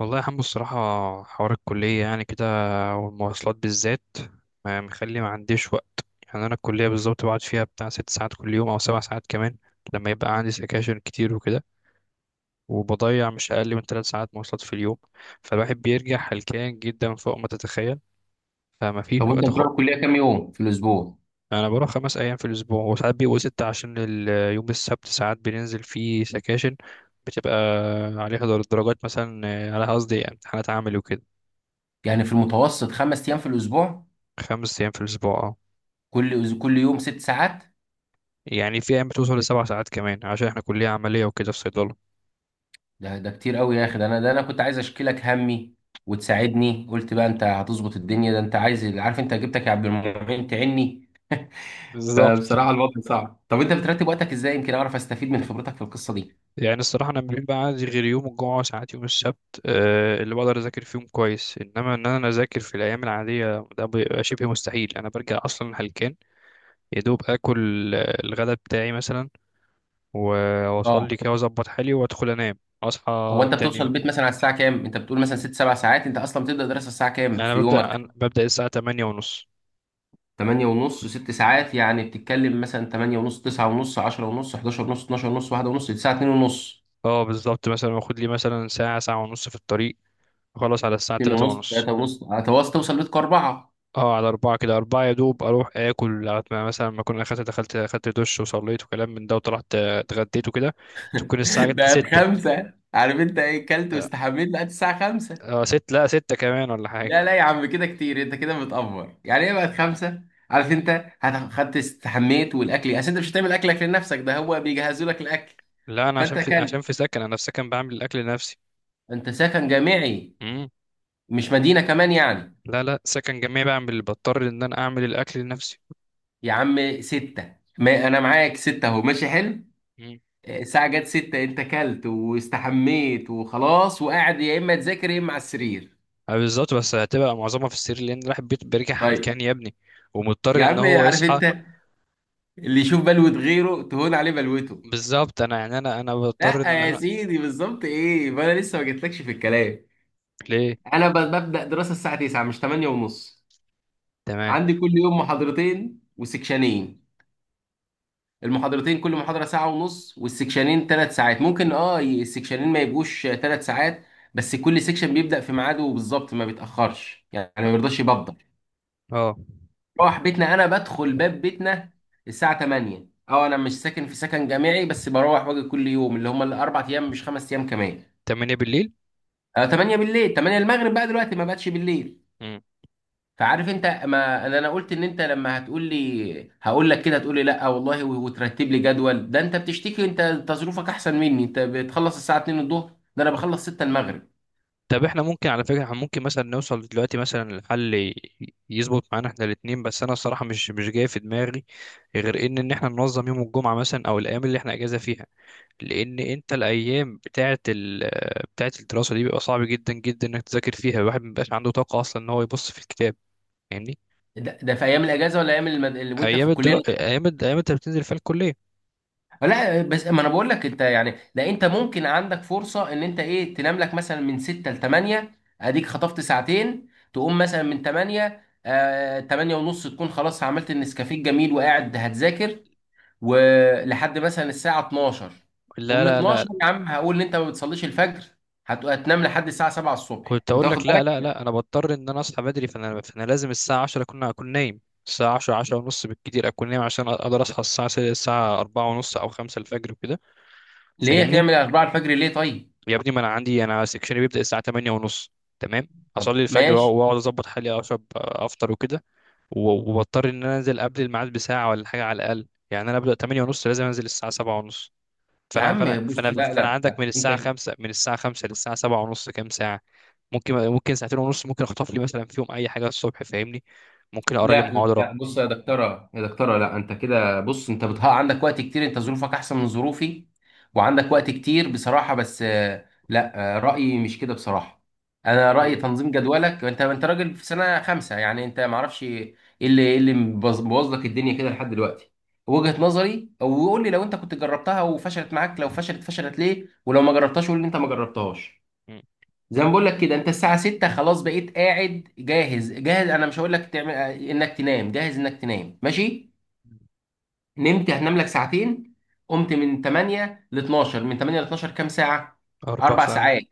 والله يا حمو، الصراحة حوار الكلية يعني كده، والمواصلات بالذات مخلي ما عنديش وقت. يعني أنا الكلية بالظبط بقعد فيها بتاع 6 ساعات كل يوم، أو 7 ساعات كمان لما يبقى عندي سكاشن كتير وكده. وبضيع مش أقل من 3 ساعات مواصلات في اليوم. فالواحد بيرجع هلكان جدا فوق ما تتخيل، فما فيش طب وانت وقت بتروح خالص. الكليه كام يوم في الاسبوع؟ أنا بروح 5 أيام في الأسبوع، وساعات بيبقوا ستة عشان يوم السبت ساعات بننزل فيه سكاشن، بتبقى عليها درجات مثلا، على قصدي امتحانات عملي وكده. يعني في المتوسط خمس ايام في الاسبوع. 5 أيام في الأسبوع. كل يوم ست ساعات. يعني في ايام بتوصل لـ7 ساعات كمان عشان احنا كلية عملية وكده في صيدلة. ده كتير قوي يا اخي. ده انا كنت عايز اشكيلك همي وتساعدني، قلت بقى انت هتظبط الدنيا، ده انت عايز، عارف انت، جبتك يا عبد المعين تعني. بالظبط. فبصراحه الوضع صعب. طب انت بترتب وقتك ازاي؟ يمكن اعرف استفيد من خبرتك في القصه دي. يعني الصراحة انا ما بيبقى عندي غير يوم الجمعة وساعات يوم السبت، اللي بقدر اذاكر فيهم كويس، انما ان انا اذاكر في الايام العادية ده بيبقى شبه مستحيل. انا برجع اصلا هلكان، يا دوب اكل الغداء بتاعي مثلا، اه. واصلي كده واظبط حالي وادخل انام هو اصحى انت تاني بتوصل يوم. البيت مثلا على الساعه كام؟ انت بتقول مثلا ست سبع ساعات، انت اصلا بتبدا دراسه الساعه كام يعني في انا ببدأ أنا يومك؟ ببدأ الساعة 8 ونص. تمانية ونص، ست ساعات، يعني بتتكلم مثلا تمانية ونص، تسعة ونص، عشرة ونص، حداشر ونص، اتناشر ونص، واحدة ونص، تسعة، اتنين ونص. اه، بالظبط، مثلا واخد لي مثلا ساعة، ساعة ونص في الطريق، اخلص على الساعة اتنين 3 ونص، ونص. تلاتة ونص، هتوصل توصل بيتكم أربعة. اه، على أربعة كده، أربعة يا دوب أروح آكل لغاية ما مثلا ما أكون دخلت أخدت دش وصليت وكلام من ده وطلعت، اتغديت وكده، تكون الساعة جت بقت ستة. خمسة، عارف أنت إيه، كلت اه. واستحميت بقت الساعة خمسة. ست، لا، ستة كمان ولا حاجة. لا لا يا عم، كده كتير، أنت كده متأفور يعني إيه بقت خمسة؟ عارف أنت خدت استحميت، والأكل أصل أنت مش هتعمل أكلك لنفسك، ده هو بيجهزوا لك الأكل، لا، أنا فأنت عشان في أكلت. عشان في سكن، أنا في سكن بعمل الأكل لنفسي. أنت سكن جامعي، مم. مش مدينة كمان يعني؟ لا، لا، سكن جميع، بضطر إن أنا أعمل الأكل لنفسي. يا عم ستة، ما أنا معاك، ستة أهو ماشي حلو. مم. الساعة جت ستة، انت كلت واستحميت وخلاص، وقاعد يا اما تذاكر يا اما على السرير. بالظبط، بس هتبقى معظمها في السرير، لأن الواحد بيرجع طيب. حلكان يا ابني. يا ومضطر إن عم هو عارف يصحى. انت، اللي يشوف بلوة غيره تهون عليه بلوته. بالظبط. أنا يعني أنا بضطر لا إن يا أنا. سيدي بالظبط ايه، ما انا لسه ما جيتلكش في الكلام. ليه؟ انا ب- ببدأ دراسة الساعة 9 مش 8 ونص. تمام. عندي كل يوم محاضرتين وسكشنين، المحاضرتين كل محاضرة ساعة ونص، والسكشنين ثلاث ساعات. ممكن اه السكشنين ما يبقوش ثلاث ساعات، بس كل سيكشن بيبدأ في ميعاده بالظبط، ما بيتأخرش يعني، ما بيرضاش يبدأ. اه، مروح بيتنا، انا بدخل باب بيتنا الساعه 8. اه انا مش ساكن في سكن جامعي، بس بروح واجي كل يوم، اللي هم الاربع ايام مش خمس ايام كمان. تمانية بالليل. آه 8 بالليل، 8 المغرب بقى دلوقتي، ما بقتش بالليل. فعارف انت، ما انا أنا قلت ان انت لما هتقول لي هقول لك كده، هتقول لي لا والله، وترتب لي جدول. ده انت بتشتكي انت، تصرفك احسن مني، انت بتخلص الساعه 2 الظهر، ده انا بخلص 6 المغرب. طب احنا ممكن، على فكرة احنا ممكن مثلا نوصل دلوقتي مثلا لحل، يظبط معانا احنا الاتنين، بس انا الصراحة مش جاي في دماغي غير ان احنا ننظم يوم الجمعة مثلا، او الايام اللي احنا اجازة فيها. لان انت الايام بتاعة الدراسة دي بيبقى صعب جدا جدا انك تذاكر فيها، الواحد مبيبقاش عنده طاقة اصلا ان هو يبص في الكتاب، يعني ده في ايام الاجازه ولا ايام وانت في ايام الكليه؟ الدرا... ايام الد... ايام انت بتنزل فيها الكلية. لا بس ما انا بقول لك انت، يعني لا انت ممكن عندك فرصه ان انت ايه، تنام لك مثلا من 6 ل 8، اديك خطفت ساعتين، تقوم مثلا من 8، آه 8 ونص، تكون خلاص عملت النسكافيه الجميل وقاعد هتذاكر، ولحد مثلا الساعه 12. لا، ومن لا، لا. 12 يا عم، هقول ان انت ما بتصليش الفجر، هتنام لحد الساعه 7 الصبح، كنت انت اقول واخد لك لا، لا، بالك. لا، انا بضطر ان انا اصحى بدري، فانا لازم الساعه 10 اكون نايم. الساعه 10، 10 ونص بالكتير اكون نايم عشان اقدر اصحى الساعه 4 ونص او 5 الفجر وكده. ليه فاهمني؟ هتعمل 4 الفجر ليه؟ طيب. يا ابني، ما انا عندي انا سكشني بيبدا الساعه 8 ونص. تمام. طب اصلي الفجر ماشي. واقعد اظبط حالي اشرب افطر وكده، وبضطر ان انا انزل قبل الميعاد بساعه ولا حاجه، على الاقل يعني انا ابدا 8 ونص لازم انزل الساعه 7 ونص. يا فانا فانا عم بص، فانا لا فانا لا عندك لا من انت، الساعه 5، للساعه 7 ونص كام ساعه؟ ممكن ساعتين ونص، ممكن اخطف لي مثلا فيهم اي حاجه الصبح، فاهمني؟ ممكن اقرا لي لا محاضره لا بص يا دكتوره يا دكتوره، لا انت كده بص، انت بتها عندك وقت كتير، انت ظروفك احسن من ظروفي، وعندك وقت كتير بصراحه. بس آه، لا آه، رايي مش كده بصراحه، انا ولا رايي ايه؟ تنظيم جدولك، انت انت راجل في سنه خمسه يعني، انت ما اعرفش ايه اللي إيه اللي مبوظ بوظ لك الدنيا كده لحد دلوقتي. وجهه نظري، او قول لي لو انت كنت جربتها وفشلت معاك، لو فشلت، فشلت ليه، ولو ما جربتهاش قول لي انت ما جربتهاش. مم. زي ما بقول لك كده، انت الساعة 6 خلاص بقيت قاعد جاهز جاهز، انا مش هقول لك تعمل انك تنام، جاهز انك تنام ماشي، نمت، هتنام لك ساعتين، قمت من 8 ل 12. من 8 ل 12 كام ساعة؟ اربع اربع ساعات ساعات.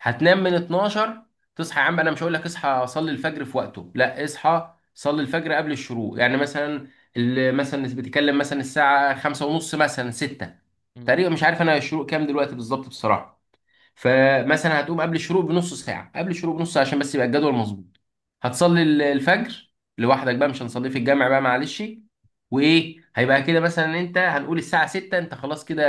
هتنام من 12، تصحى، يا عم انا مش هقول لك اصحى صلي الفجر في وقته، لا اصحى صلي الفجر قبل الشروق يعني، مثلا مثلا بتتكلم مثلا الساعة 5 ونص مثلا 6 مم. تقريبا، مش عارف انا الشروق كام دلوقتي بالظبط بصراحة. فمثلا هتقوم قبل الشروق بنص ساعة، قبل الشروق بنص ساعة عشان بس يبقى الجدول مظبوط، هتصلي الفجر لوحدك بقى، مش هنصليه في الجامع بقى معلش. وايه هيبقى كده مثلا، انت هنقول الساعة 6 انت خلاص كده.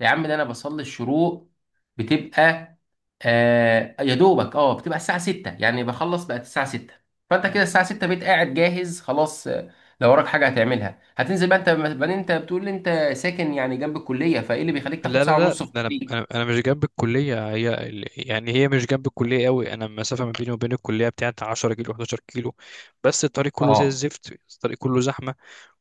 يا عم ده انا بصلي الشروق بتبقى آه يا دوبك، اه بتبقى الساعة 6 يعني، بخلص بقت الساعة 6. فانت مم. كده الساعة 6 بقيت قاعد جاهز خلاص آه، لو وراك حاجة هتعملها هتنزل بقى انت بعدين. انت بتقول لي انت ساكن يعني جنب الكلية، فايه اللي بيخليك تاخد لا، لا، ساعة لا. ونص في ده انا الطريق؟ انا انا مش جنب الكليه، هي يعني هي مش جنب الكليه قوي، انا المسافه ما بيني وبين الكليه بتاعت 10 كيلو، 11 كيلو. بس الطريق كله زي اه. الزفت، الطريق كله زحمه،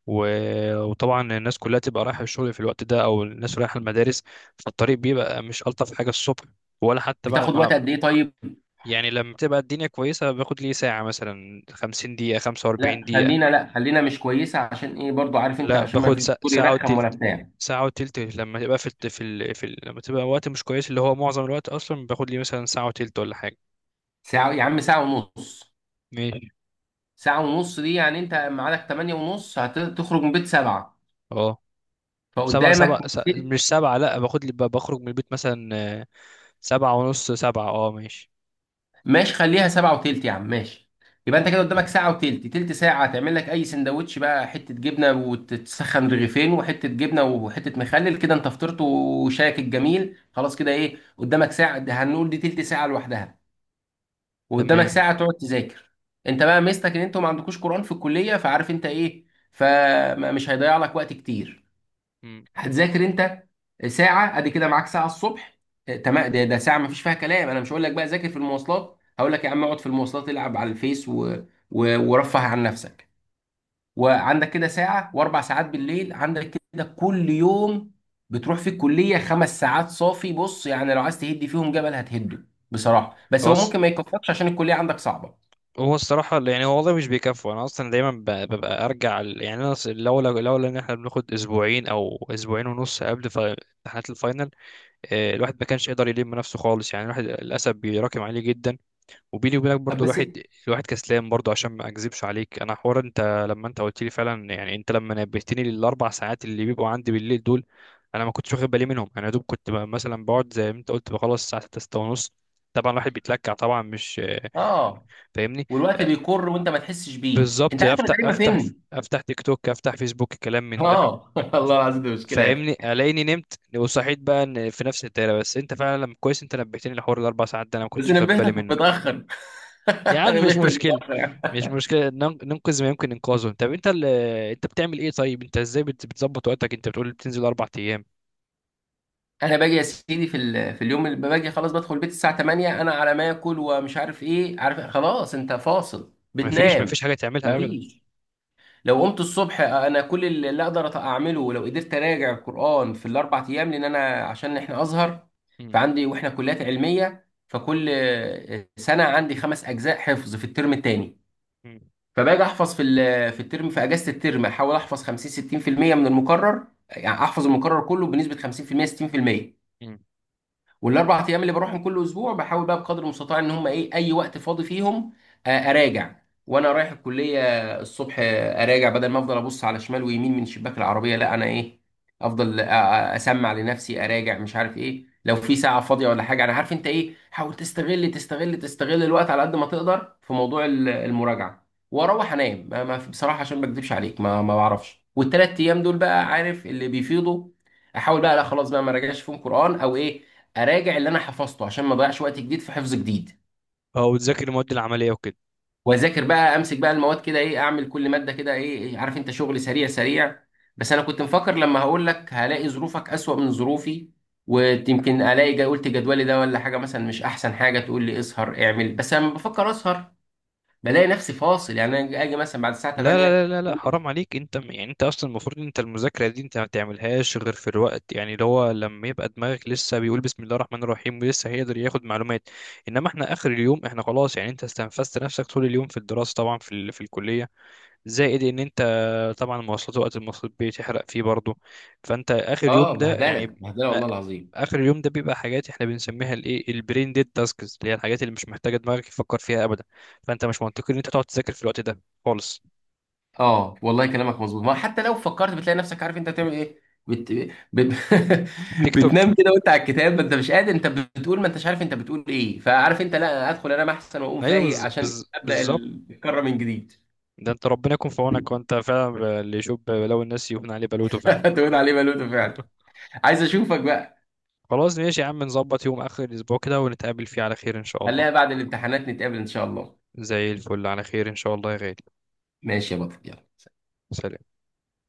وطبعا الناس كلها تبقى رايحة الشغل في الوقت ده، او الناس رايحة المدارس، فالطريق بيبقى مش الطف حاجة الصبح، ولا حتى بعد بتاخد ما انا. وقت قد ايه طيب؟ يعني لما تبقى الدنيا كويسة باخد لي ساعة مثلا، 50 دقيقة، لا 45 دقيقة. خلينا، لا خلينا مش كويسه، عشان ايه برضو عارف انت، لا، عشان ما باخد فيش دكتور ساعة يرخم ولا وتلت. بتاع. ساعة وتلت لما تبقى في الت- في ال... في ال... لما تبقى وقت مش كويس، اللي هو معظم الوقت، اصلا باخد لي مثلا ساعة وتلت ولا حاجة. ساعه يا عم، ساعه ونص. ماشي. ساعه ونص دي يعني انت ميعادك 8 ونص، هتخرج من بيت 7. اه، سبعة، فقدامك من مش سبعة. لا، باخد لي بخرج من البيت مثلا، آه، سبعة ونص، سبعة، اه، ماشي. ماشي خليها 7 وتلت يا عم ماشي. يبقى انت كده قدامك ساعه وتلت، تلت ساعه تعمل لك اي سندوتش بقى، حته جبنه وتتسخن رغيفين وحته جبنه وحته مخلل كده، انت فطرت وشايك الجميل خلاص كده، ايه قدامك ساعه، ده هنقول دي تلت ساعه لوحدها، وقدامك تمام. ساعه تقعد تذاكر. انت بقى ميزتك ان انتوا ما عندكوش قران في الكليه، فعارف انت ايه، فمش هيضيع لك وقت كتير، مم. هتذاكر انت ساعه، ادي كده معاك ساعه الصبح. اه، تمام. ده ساعه ما فيش فيها كلام، انا مش هقول لك بقى ذاكر في المواصلات، هقول لك يا عم اقعد في المواصلات العب على الفيس ورفه عن نفسك. وعندك كده ساعه، واربع ساعات بالليل، عندك كده كل يوم بتروح في الكليه خمس ساعات صافي، بص يعني لو عايز تهدي فيهم جبل هتهده بصراحه. بس هو خلاص. ممكن ما يكفكش، عشان الكليه عندك صعبه. هو الصراحة يعني، هو والله مش بيكفوا. أنا أصلا دايما ببقى أرجع يعني أنا لولا إن إحنا بناخد أسبوعين أو أسبوعين ونص قبل امتحانات الفاينل، الواحد ما كانش يقدر يلم نفسه خالص، يعني الواحد للأسف بيراكم عليه جدا. وبيني وبينك طب برضو بس. الواحد كسلان برضو، عشان ما أكذبش عليك. أنا حوار أنت، لما أنت قلت لي فعلا، يعني أنت لما نبهتني للـ4 ساعات اللي بيبقوا عندي بالليل دول، أنا ما كنتش واخد بالي منهم. أنا يا دوب كنت مثلا بقعد زي ما أنت قلت، بخلص الساعة 6، 6 ونص، طبعا الواحد بيتلكع، طبعا مش، اه. فاهمني؟ والوقت بيكر وانت ما تحسش بيه، بالظبط، انت عارف انا تقريبا فين. افتح تيك توك، افتح فيسبوك، كلام من ده. اه. الله العظيم دي مشكله يا فاهمني؟ اخي. الاقيني نمت وصحيت بقى إن في نفس الدايره. بس انت فعلا كويس انت نبهتني لحوار الـ4 ساعات ده، انا ما بس كنتش واخد بالي نبهتك منه. متاخر. يا عم، مش نبهتك مشكله. متاخر. مش مشكله، ننقذ ما يمكن انقاذه. طب انت انت بتعمل ايه طيب؟ انت ازاي بتظبط وقتك؟ انت بتقول بتنزل 4 ايام. انا باجي يا سيدي في اليوم اللي باجي خلاص، بدخل البيت الساعه 8، انا على ما اكل ومش عارف ايه، عارف خلاص انت فاصل ما فيش ما بتنام. فيش حاجه تعملها ابدا. مفيش. لو قمت الصبح، انا كل اللي اقدر اعمله لو قدرت اراجع القران في الاربع ايام، لان انا عشان احنا ازهر، مم. فعندي، واحنا كليات علميه، فكل سنه عندي خمس اجزاء حفظ في الترم الثاني. مم. فباجي احفظ في الترم، في اجازه الترم احاول احفظ 50 60% من المكرر، يعني احفظ المكرر كله بنسبه 50% 60%. مم. والاربع ايام اللي بروحهم كل اسبوع بحاول بقى بقدر المستطاع ان هم ايه، اي وقت فاضي فيهم آه، اراجع. وانا رايح الكليه الصبح آه، اراجع بدل ما افضل ابص على شمال ويمين من شباك العربيه، لا انا ايه، افضل اسمع لنفسي اراجع مش عارف ايه. لو في ساعه فاضيه ولا حاجه، انا عارف انت ايه، حاول تستغل تستغل الوقت على قد ما تقدر في موضوع المراجعه. واروح انام بصراحه عشان ما اكذبش عليك ما بعرفش. والثلاث ايام دول بقى عارف اللي بيفيضوا، احاول بقى، لا خلاص بقى ما راجعش فيهم قران او ايه، اراجع اللي انا حفظته عشان ما اضيعش وقت جديد في حفظ جديد. او تذاكر المواد العمليه وكده. واذاكر بقى، امسك بقى المواد كده ايه، اعمل كل ماده كده ايه إيه، عارف انت شغل سريع سريع. بس انا كنت مفكر لما هقول لك هلاقي ظروفك اسوأ من ظروفي، ويمكن الاقي قلت جدولي ده ولا حاجه مثلا، مش احسن حاجه تقول لي اسهر اعمل. بس لما بفكر اسهر بلاقي نفسي فاصل، يعني انا اجي مثلا بعد الساعه لا، 8. لا، لا، لا، لا، حرام عليك. انت يعني انت اصلا المفروض، انت المذاكره دي انت ما تعملهاش غير في الوقت، يعني اللي هو لما يبقى دماغك لسه بيقول بسم الله الرحمن الرحيم ولسه هيقدر ياخد معلومات. انما احنا اخر اليوم احنا خلاص، يعني انت استنفذت نفسك طول اليوم في الدراسه، طبعا في الكليه، زائد ان انت، طبعا المواصلات، وقت المواصلات بتحرق فيه برضه. فانت اخر اليوم اه. ده يعني بهدله بهدله أ- والله العظيم. اخر اليوم ده بيبقى حاجات احنا بنسميها، الايه، البرين ديد تاسكس، اللي هي الحاجات اللي مش محتاجه دماغك يفكر فيها ابدا، فانت مش منطقي ان انت تقعد تذاكر في الوقت ده خالص. اه والله كلامك مظبوط، ما حتى لو فكرت بتلاقي نفسك عارف انت بتعمل ايه، بت... بت... تيك توك. بتنام كده وانت على الكتاب، ما انت مش قادر، انت بتقول ما انتش عارف انت بتقول ايه، فعارف انت، لا ادخل انام احسن واقوم ايوه، فايق عشان ابدا بالظبط. الكره من جديد. ده انت ربنا يكون في عونك، وانت فعلا اللي يشوف بلاوي الناس يهون عليه بلوته فعلا. تقول عليه بلوتو فعلا. عايز اشوفك بقى. خلاص، ماشي يا عم، نظبط يوم اخر الاسبوع كده ونتقابل فيه على خير ان شاء الله. خليها بعد الامتحانات نتقابل ان شاء الله. زي الفل، على خير ان شاء الله يا غالي. ماشي يا بطل يلا. سلام.